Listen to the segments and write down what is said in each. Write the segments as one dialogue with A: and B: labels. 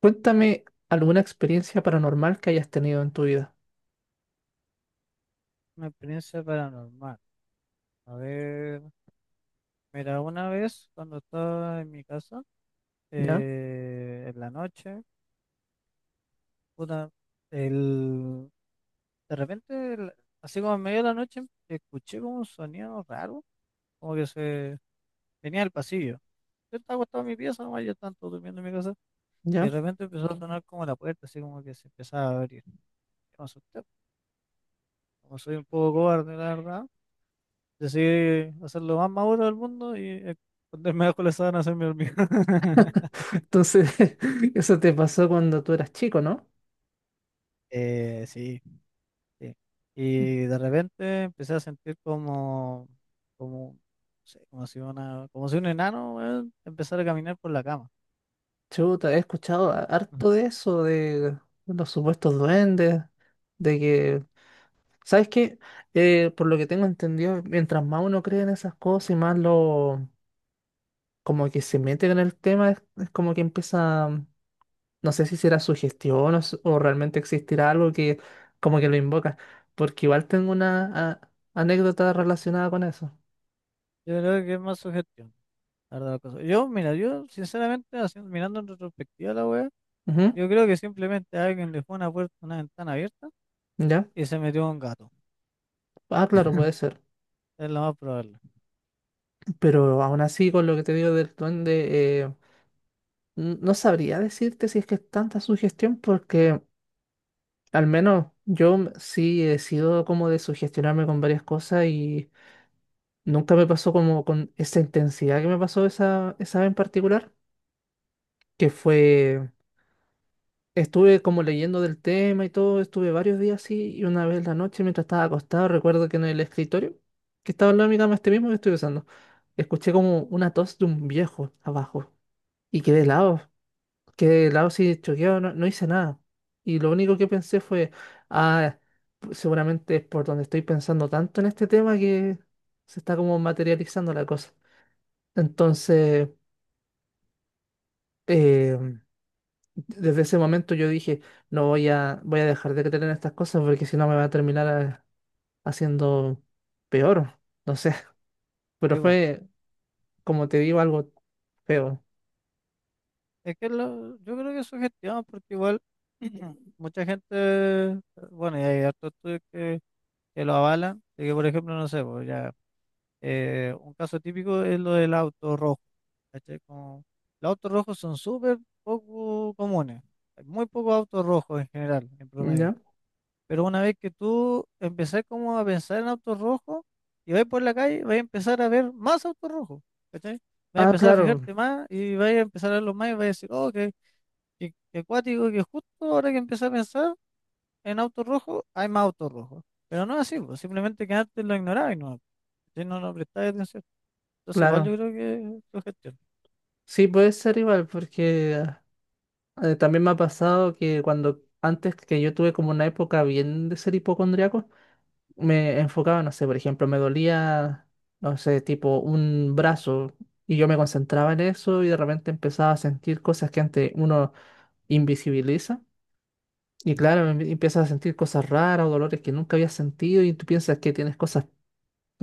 A: Cuéntame alguna experiencia paranormal que hayas tenido en tu vida.
B: Una experiencia paranormal. A ver, mira, una vez cuando estaba en mi casa,
A: ¿Ya?
B: en la noche, puta, el, de repente, así como en medio de la noche, escuché como un sonido raro, como que se venía del pasillo. Yo estaba acostado en mi pieza, nomás yo estaba durmiendo en mi casa, y de
A: ¿Ya?
B: repente empezó a sonar como la puerta, así como que se empezaba a abrir. Yo me asusté, como soy un poco cobarde, la verdad, decidí hacer lo más maduro del mundo y esconderme bajo la sábana a hacerme dormir.
A: Entonces, eso te pasó cuando tú eras chico, ¿no?
B: Sí, sí. Y de repente empecé a sentir como, no sé, como si un enano, weón, empezara a caminar por la cama.
A: Chuta, he escuchado
B: Mm.
A: harto de eso, de los supuestos duendes, de que, ¿sabes qué? Por lo que tengo entendido, mientras más uno cree en esas cosas y más lo, como que se mete en el tema, es como que empieza. No sé si será sugestión o, o realmente existirá algo que como que lo invoca, porque igual tengo una anécdota relacionada con eso.
B: Yo creo que es más sugestión, la verdad, la cosa. Mira, yo sinceramente, mirando en retrospectiva la wea,
A: Ujú.
B: yo creo que simplemente alguien dejó una puerta, una ventana abierta
A: ¿Ya?
B: y se metió un gato.
A: Ah, claro, puede ser.
B: Es lo más probable.
A: Pero aún así, con lo que te digo del duende, no sabría decirte si es que es tanta sugestión, porque al menos yo sí he sido como de sugestionarme con varias cosas y nunca me pasó como con esa intensidad que me pasó esa vez en particular, que fue. Estuve como leyendo del tema y todo, estuve varios días así y una vez en la noche mientras estaba acostado, recuerdo que en el escritorio, que estaba al lado de mi cama este mismo que estoy usando, escuché como una tos de un viejo abajo y quedé helado así choqueado, no, no hice nada. Y lo único que pensé fue, ah, seguramente es por donde estoy pensando tanto en este tema que se está como materializando la cosa. Entonces, eh, desde ese momento yo dije, no voy a dejar de creer en estas cosas porque si no me va a terminar haciendo peor, no sé. Pero
B: Digo,
A: fue, como te digo, algo feo.
B: es que yo creo que es sugestión porque igual mucha gente, bueno, y hay hartos estudios que lo avalan, de que por ejemplo, no sé, pues ya, un caso típico es lo del auto rojo, ¿cachai? Como, los autos rojos son súper poco comunes, hay muy pocos autos rojos en general, en promedio,
A: ¿Ya?
B: pero una vez que tú empezás como a pensar en autos rojos y vas por la calle, vas a empezar a ver más autos rojos, ¿cachai? Vas a
A: Ah,
B: empezar a
A: claro,
B: fijarte más y vas a empezar a verlos más y vas a decir, oh, qué, qué, acuático, que justo ahora que empecé a pensar en autos rojos, hay más autos rojos. Pero no es así, pues, simplemente que antes lo ignoraba si no, no prestáis atención. Entonces, igual yo
A: claro.
B: creo que lo gestiona.
A: Sí, puede ser igual porque ah, también me ha pasado que cuando antes que yo tuve como una época bien de ser hipocondriaco, me enfocaba, no sé, por ejemplo, me dolía, no sé, tipo un brazo y yo me concentraba en eso y de repente empezaba a sentir cosas que antes uno invisibiliza y
B: ¿No?
A: claro, empiezas a sentir cosas raras o dolores que nunca habías sentido y tú piensas que tienes cosas,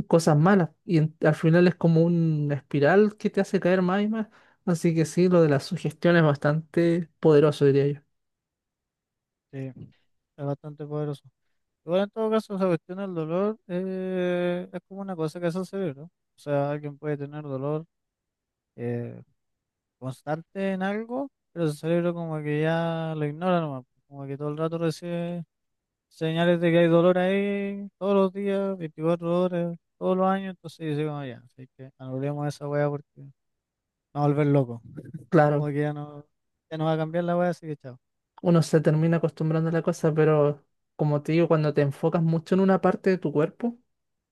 A: cosas malas y al final es como una espiral que te hace caer más y más. Así que sí, lo de la sugestión es bastante poderoso, diría yo.
B: Sí, es bastante poderoso. Igual, en todo caso, esa cuestión del dolor es como una cosa que se hace cerebro. O sea, alguien puede tener dolor eh, constante en algo, pero su cerebro como que ya lo ignora nomás. Como que todo el rato recibe señales de que hay dolor ahí todos los días, 24 horas, todos los años. Entonces dice como ya, así que anulemos esa weá porque no va a volver loco.
A: Claro,
B: Como que ya no va a cambiar la weá, así que chao.
A: uno se termina acostumbrando a la cosa, pero como te digo, cuando te enfocas mucho en una parte de tu cuerpo,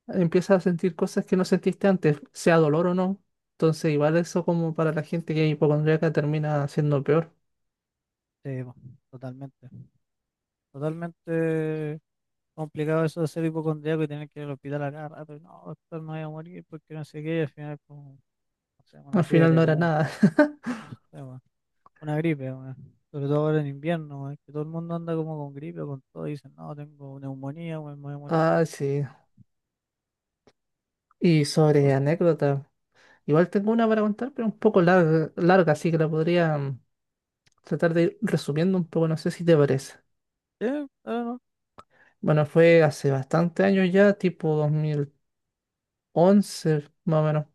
A: empiezas a sentir cosas que no sentiste antes, sea dolor o no. Entonces, igual eso como para la gente que es hipocondríaca termina siendo peor.
B: Sí, po, totalmente. Totalmente complicado eso de ser hipocondriaco y tener que ir al hospital a cada rato. Y no, doctor, me voy a morir porque no sé qué. Y al final, como, no sé,
A: Al
B: una
A: final no
B: fiebre,
A: era
B: como,
A: nada.
B: no sé, weón, una gripe, weón. Sobre todo ahora en invierno, weón, que todo el mundo anda como con gripe, con todo. Y dicen, no, tengo neumonía, weón, me voy a morir.
A: Ah, sí. Y sobre
B: Entonces,
A: anécdota. Igual tengo una para contar, pero un poco larga, larga, así que la podría tratar de ir resumiendo un poco, no sé si te parece.
B: sí, claro, no.
A: Bueno, fue hace bastante años ya, tipo 2011 más o menos,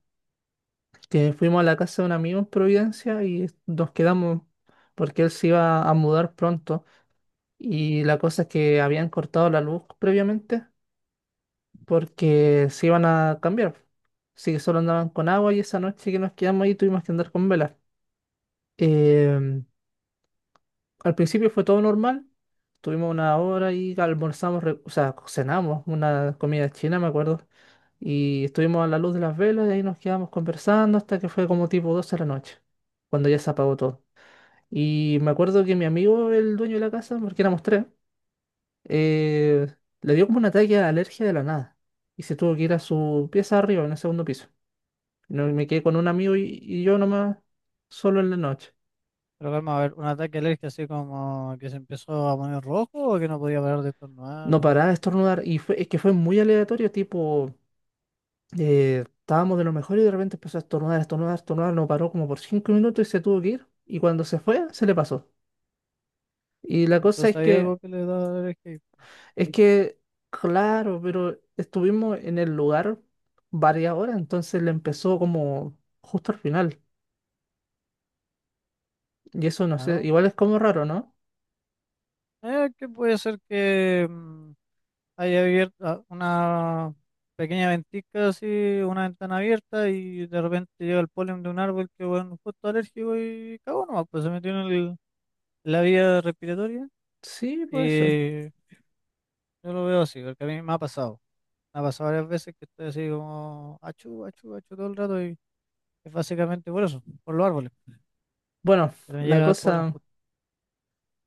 A: que fuimos a la casa de un amigo en Providencia y nos quedamos porque él se iba a mudar pronto. Y la cosa es que habían cortado la luz previamente porque se iban a cambiar. Así que solo andaban con agua y esa noche que nos quedamos ahí tuvimos que andar con velas. Em, al principio fue todo normal. Tuvimos una hora y almorzamos, o sea, cenamos una comida china, me acuerdo. Y estuvimos a la luz de las velas y ahí nos quedamos conversando hasta que fue como tipo 12 de la noche, cuando ya se apagó todo. Y me acuerdo que mi amigo, el dueño de la casa, porque éramos tres, eh, le dio como un ataque de alergia de la nada. Y se tuvo que ir a su pieza arriba, en el segundo piso. Y me quedé con un amigo y yo nomás, solo en la noche.
B: Pero calma, a ver, un ataque alérgico así como que se empezó a poner rojo o que no podía parar de estornudar.
A: No
B: O...
A: paraba de estornudar y fue, es que fue muy aleatorio, tipo, estábamos de lo mejor y de repente empezó a estornudar, estornudar, estornudar, no paró como por 5 minutos y se tuvo que ir y cuando se fue se le pasó. Y la cosa
B: Entonces,
A: es
B: hay
A: que,
B: algo que le da alergia.
A: es que, claro, pero estuvimos en el lugar varias horas, entonces le empezó como justo al final y eso no sé,
B: Claro,
A: igual es como raro, ¿no?
B: Que puede ser que haya abierto una pequeña ventisca así, una ventana abierta y de repente llega el polen de un árbol que bueno, justo alérgico y cagó nomás, pues se metió en la vía respiratoria
A: Sí, puede ser.
B: y yo lo veo así, porque a mí me ha pasado varias veces que estoy así como achú, achú, achú todo el rato y es básicamente por eso, por los árboles,
A: Bueno,
B: que me
A: la
B: llega el polen
A: cosa,
B: justo,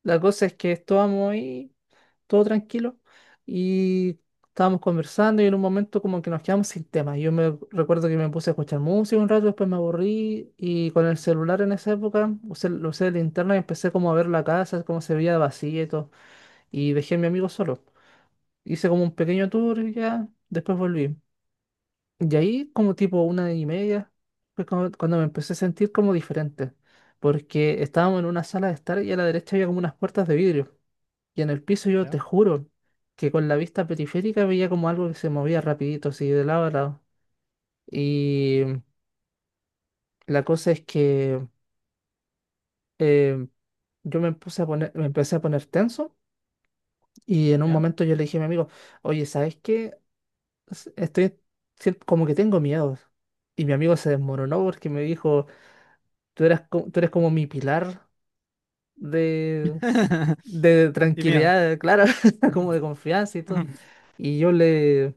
A: la cosa es que estábamos ahí, todo tranquilo, y estábamos conversando y en un momento como que nos quedamos sin tema. Yo me recuerdo que me puse a escuchar música un rato, después me aburrí y con el celular en esa época usé, lo usé de linterna y empecé como a ver la casa, cómo se veía vacía y todo, y dejé a mi amigo solo. Hice como un pequeño tour y ya después volví. Y ahí como tipo 1:30 fue cuando me empecé a sentir como diferente, porque estábamos en una sala de estar y a la derecha había como unas puertas de vidrio. Y en el piso yo te
B: ¿ya?
A: juro que con la vista periférica veía como algo que se movía rapidito, así de lado a lado. Y la cosa es que eh, yo me empecé a poner tenso y en un
B: ¿Ya?
A: momento yo le dije a mi amigo, oye, ¿sabes qué? Estoy como que tengo miedos. Y mi amigo se desmoronó porque me dijo, tú eras, tú eres como mi pilar de, de
B: Antimiedo.
A: tranquilidad, claro, como de confianza y todo. Y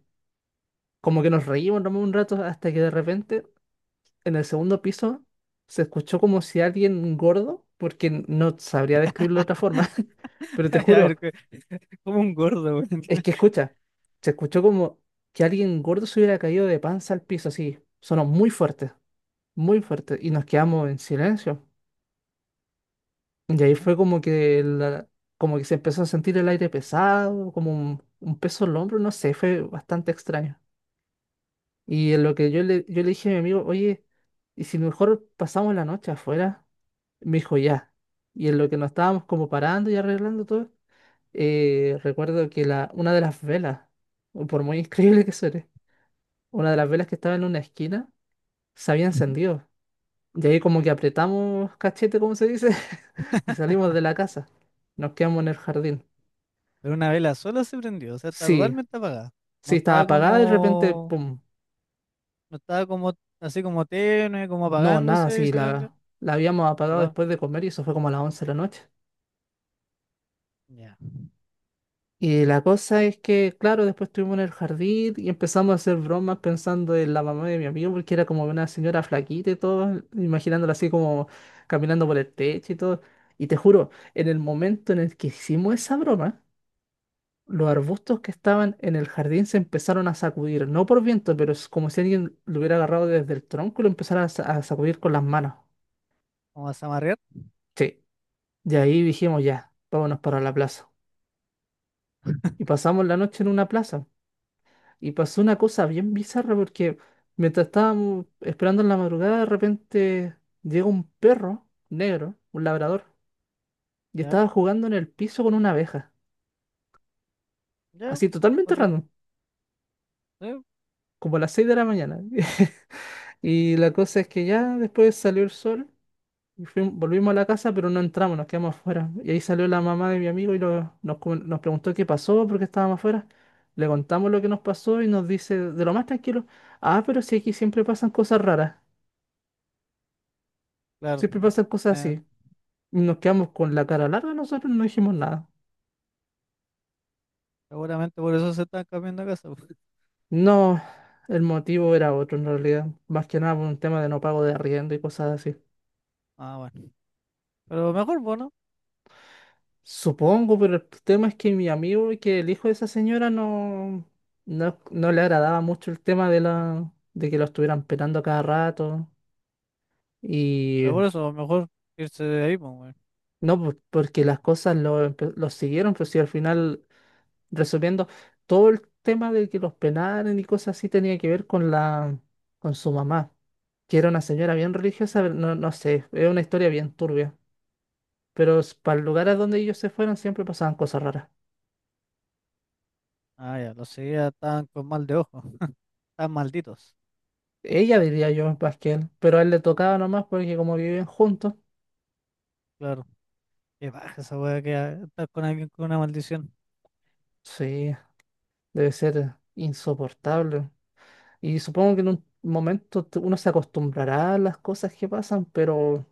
A: como que nos reímos nomás un rato hasta que de repente en el segundo piso se escuchó como si alguien gordo, porque no sabría describirlo de otra forma, pero te
B: A
A: juro,
B: ver, como un gordo, güey.
A: es que escucha, se escuchó como que alguien gordo se hubiera caído de panza al piso, así, sonó muy fuerte, y nos quedamos en silencio. Y ahí
B: Ya.
A: fue como que, como que se empezó a sentir el aire pesado, como un peso en el hombro, no sé, fue bastante extraño. Y en lo que yo le dije a mi amigo, oye, ¿y si mejor pasamos la noche afuera? Me dijo, ya. Y en lo que nos estábamos como parando y arreglando todo, recuerdo que una de las velas, o por muy increíble que suene, una de las velas que estaba en una esquina se había
B: Ujú.
A: encendido. Y ahí como que apretamos cachete, como se dice, y salimos de la casa. Nos quedamos en el jardín.
B: Pero una vela sola se prendió, o sea, está
A: Sí,
B: totalmente apagada. No
A: sí, estaba
B: estaba
A: apagada y de repente,
B: como,
A: pum.
B: no estaba como, así como tenue, como
A: No, nada,
B: apagándose y
A: sí,
B: se prendió.
A: la habíamos apagado
B: Apa-
A: después de comer y eso fue como a las 11 de la noche.
B: Ya.
A: Y la cosa es que, claro, después estuvimos en el jardín y empezamos a hacer bromas pensando en la mamá de mi amigo, porque era como una señora flaquita y todo, imaginándola así como caminando por el techo y todo. Y te juro, en el momento en el que hicimos esa broma, los arbustos que estaban en el jardín se empezaron a sacudir, no por viento, pero es como si alguien lo hubiera agarrado desde el tronco y lo empezara a sacudir con las manos.
B: Vamos a amarrear.
A: Sí, de ahí dijimos ya, vámonos para la plaza. Y pasamos la noche en una plaza. Y pasó una cosa bien bizarra porque mientras estábamos esperando en la madrugada, de repente llega un perro negro, un labrador, y
B: Ya,
A: estaba jugando en el piso con una abeja.
B: ya,
A: Así totalmente
B: ok.
A: random,
B: Sí,
A: como a las 6 de la mañana. Y la cosa es que ya después salió el sol y volvimos a la casa, pero no entramos, nos quedamos afuera. Y ahí salió la mamá de mi amigo y nos preguntó qué pasó, por qué estábamos afuera. Le contamos lo que nos pasó y nos dice de lo más tranquilo, ah, pero si aquí siempre pasan cosas raras.
B: claro.
A: Siempre pasan cosas
B: Eh,
A: así. Y nos quedamos con la cara larga, nosotros no dijimos nada.
B: Seguramente por eso se están cambiando de casa, pues.
A: No, el motivo era otro en realidad. Más que nada por un tema de no pago de arriendo y cosas así.
B: Ah, bueno. Pero mejor, bueno.
A: Supongo, pero el tema es que mi amigo, que el hijo de esa señora, no le agradaba mucho el tema de la, de que lo estuvieran pelando a cada rato. Y
B: Pero por eso, mejor irse de ahí, pues, güey.
A: no, porque las cosas lo siguieron, pero si al final, resolviendo, todo el tema de que los penaran y cosas así tenía que ver con su mamá, que era una señora bien religiosa, pero no, no sé, es una historia bien turbia. Pero para el lugar a donde ellos se fueron siempre pasaban cosas raras.
B: Ah, ya, los seguía estaban con mal de ojo. Están malditos.
A: Ella diría yo más que él, pero a él le tocaba nomás porque como viven juntos,
B: Claro. Qué baja esa weá que estar con alguien con una maldición.
A: sí, debe ser insoportable. Y supongo que en un momento uno se acostumbrará a las cosas que pasan, pero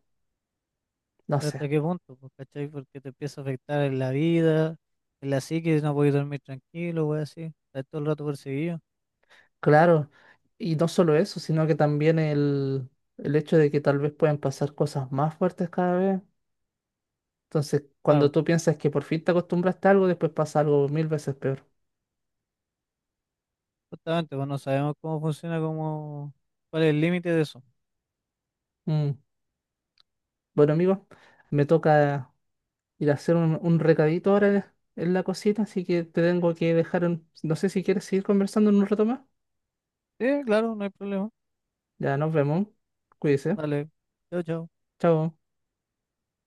A: no
B: Pero
A: sé,
B: hasta qué punto, pues, ¿cachai? Porque te empieza a afectar en la vida, en la psique, no puedes dormir tranquilo, weá así. Estás todo el rato perseguido.
A: claro. Y no solo eso, sino que también el hecho de que tal vez puedan pasar cosas más fuertes cada vez. Entonces, cuando
B: Claro,
A: tú piensas que por fin te acostumbraste a algo, después pasa algo mil veces peor.
B: justamente, pues no sabemos cómo funciona, cómo, cuál es el límite de eso.
A: Mm. Bueno, amigos, me toca ir a hacer un recadito ahora en la cocina, así que te tengo que dejar. No sé si quieres seguir conversando en un rato más.
B: Sí, claro, no hay problema.
A: Ya nos vemos. Cuídese.
B: Dale, chao, chao.
A: Chao.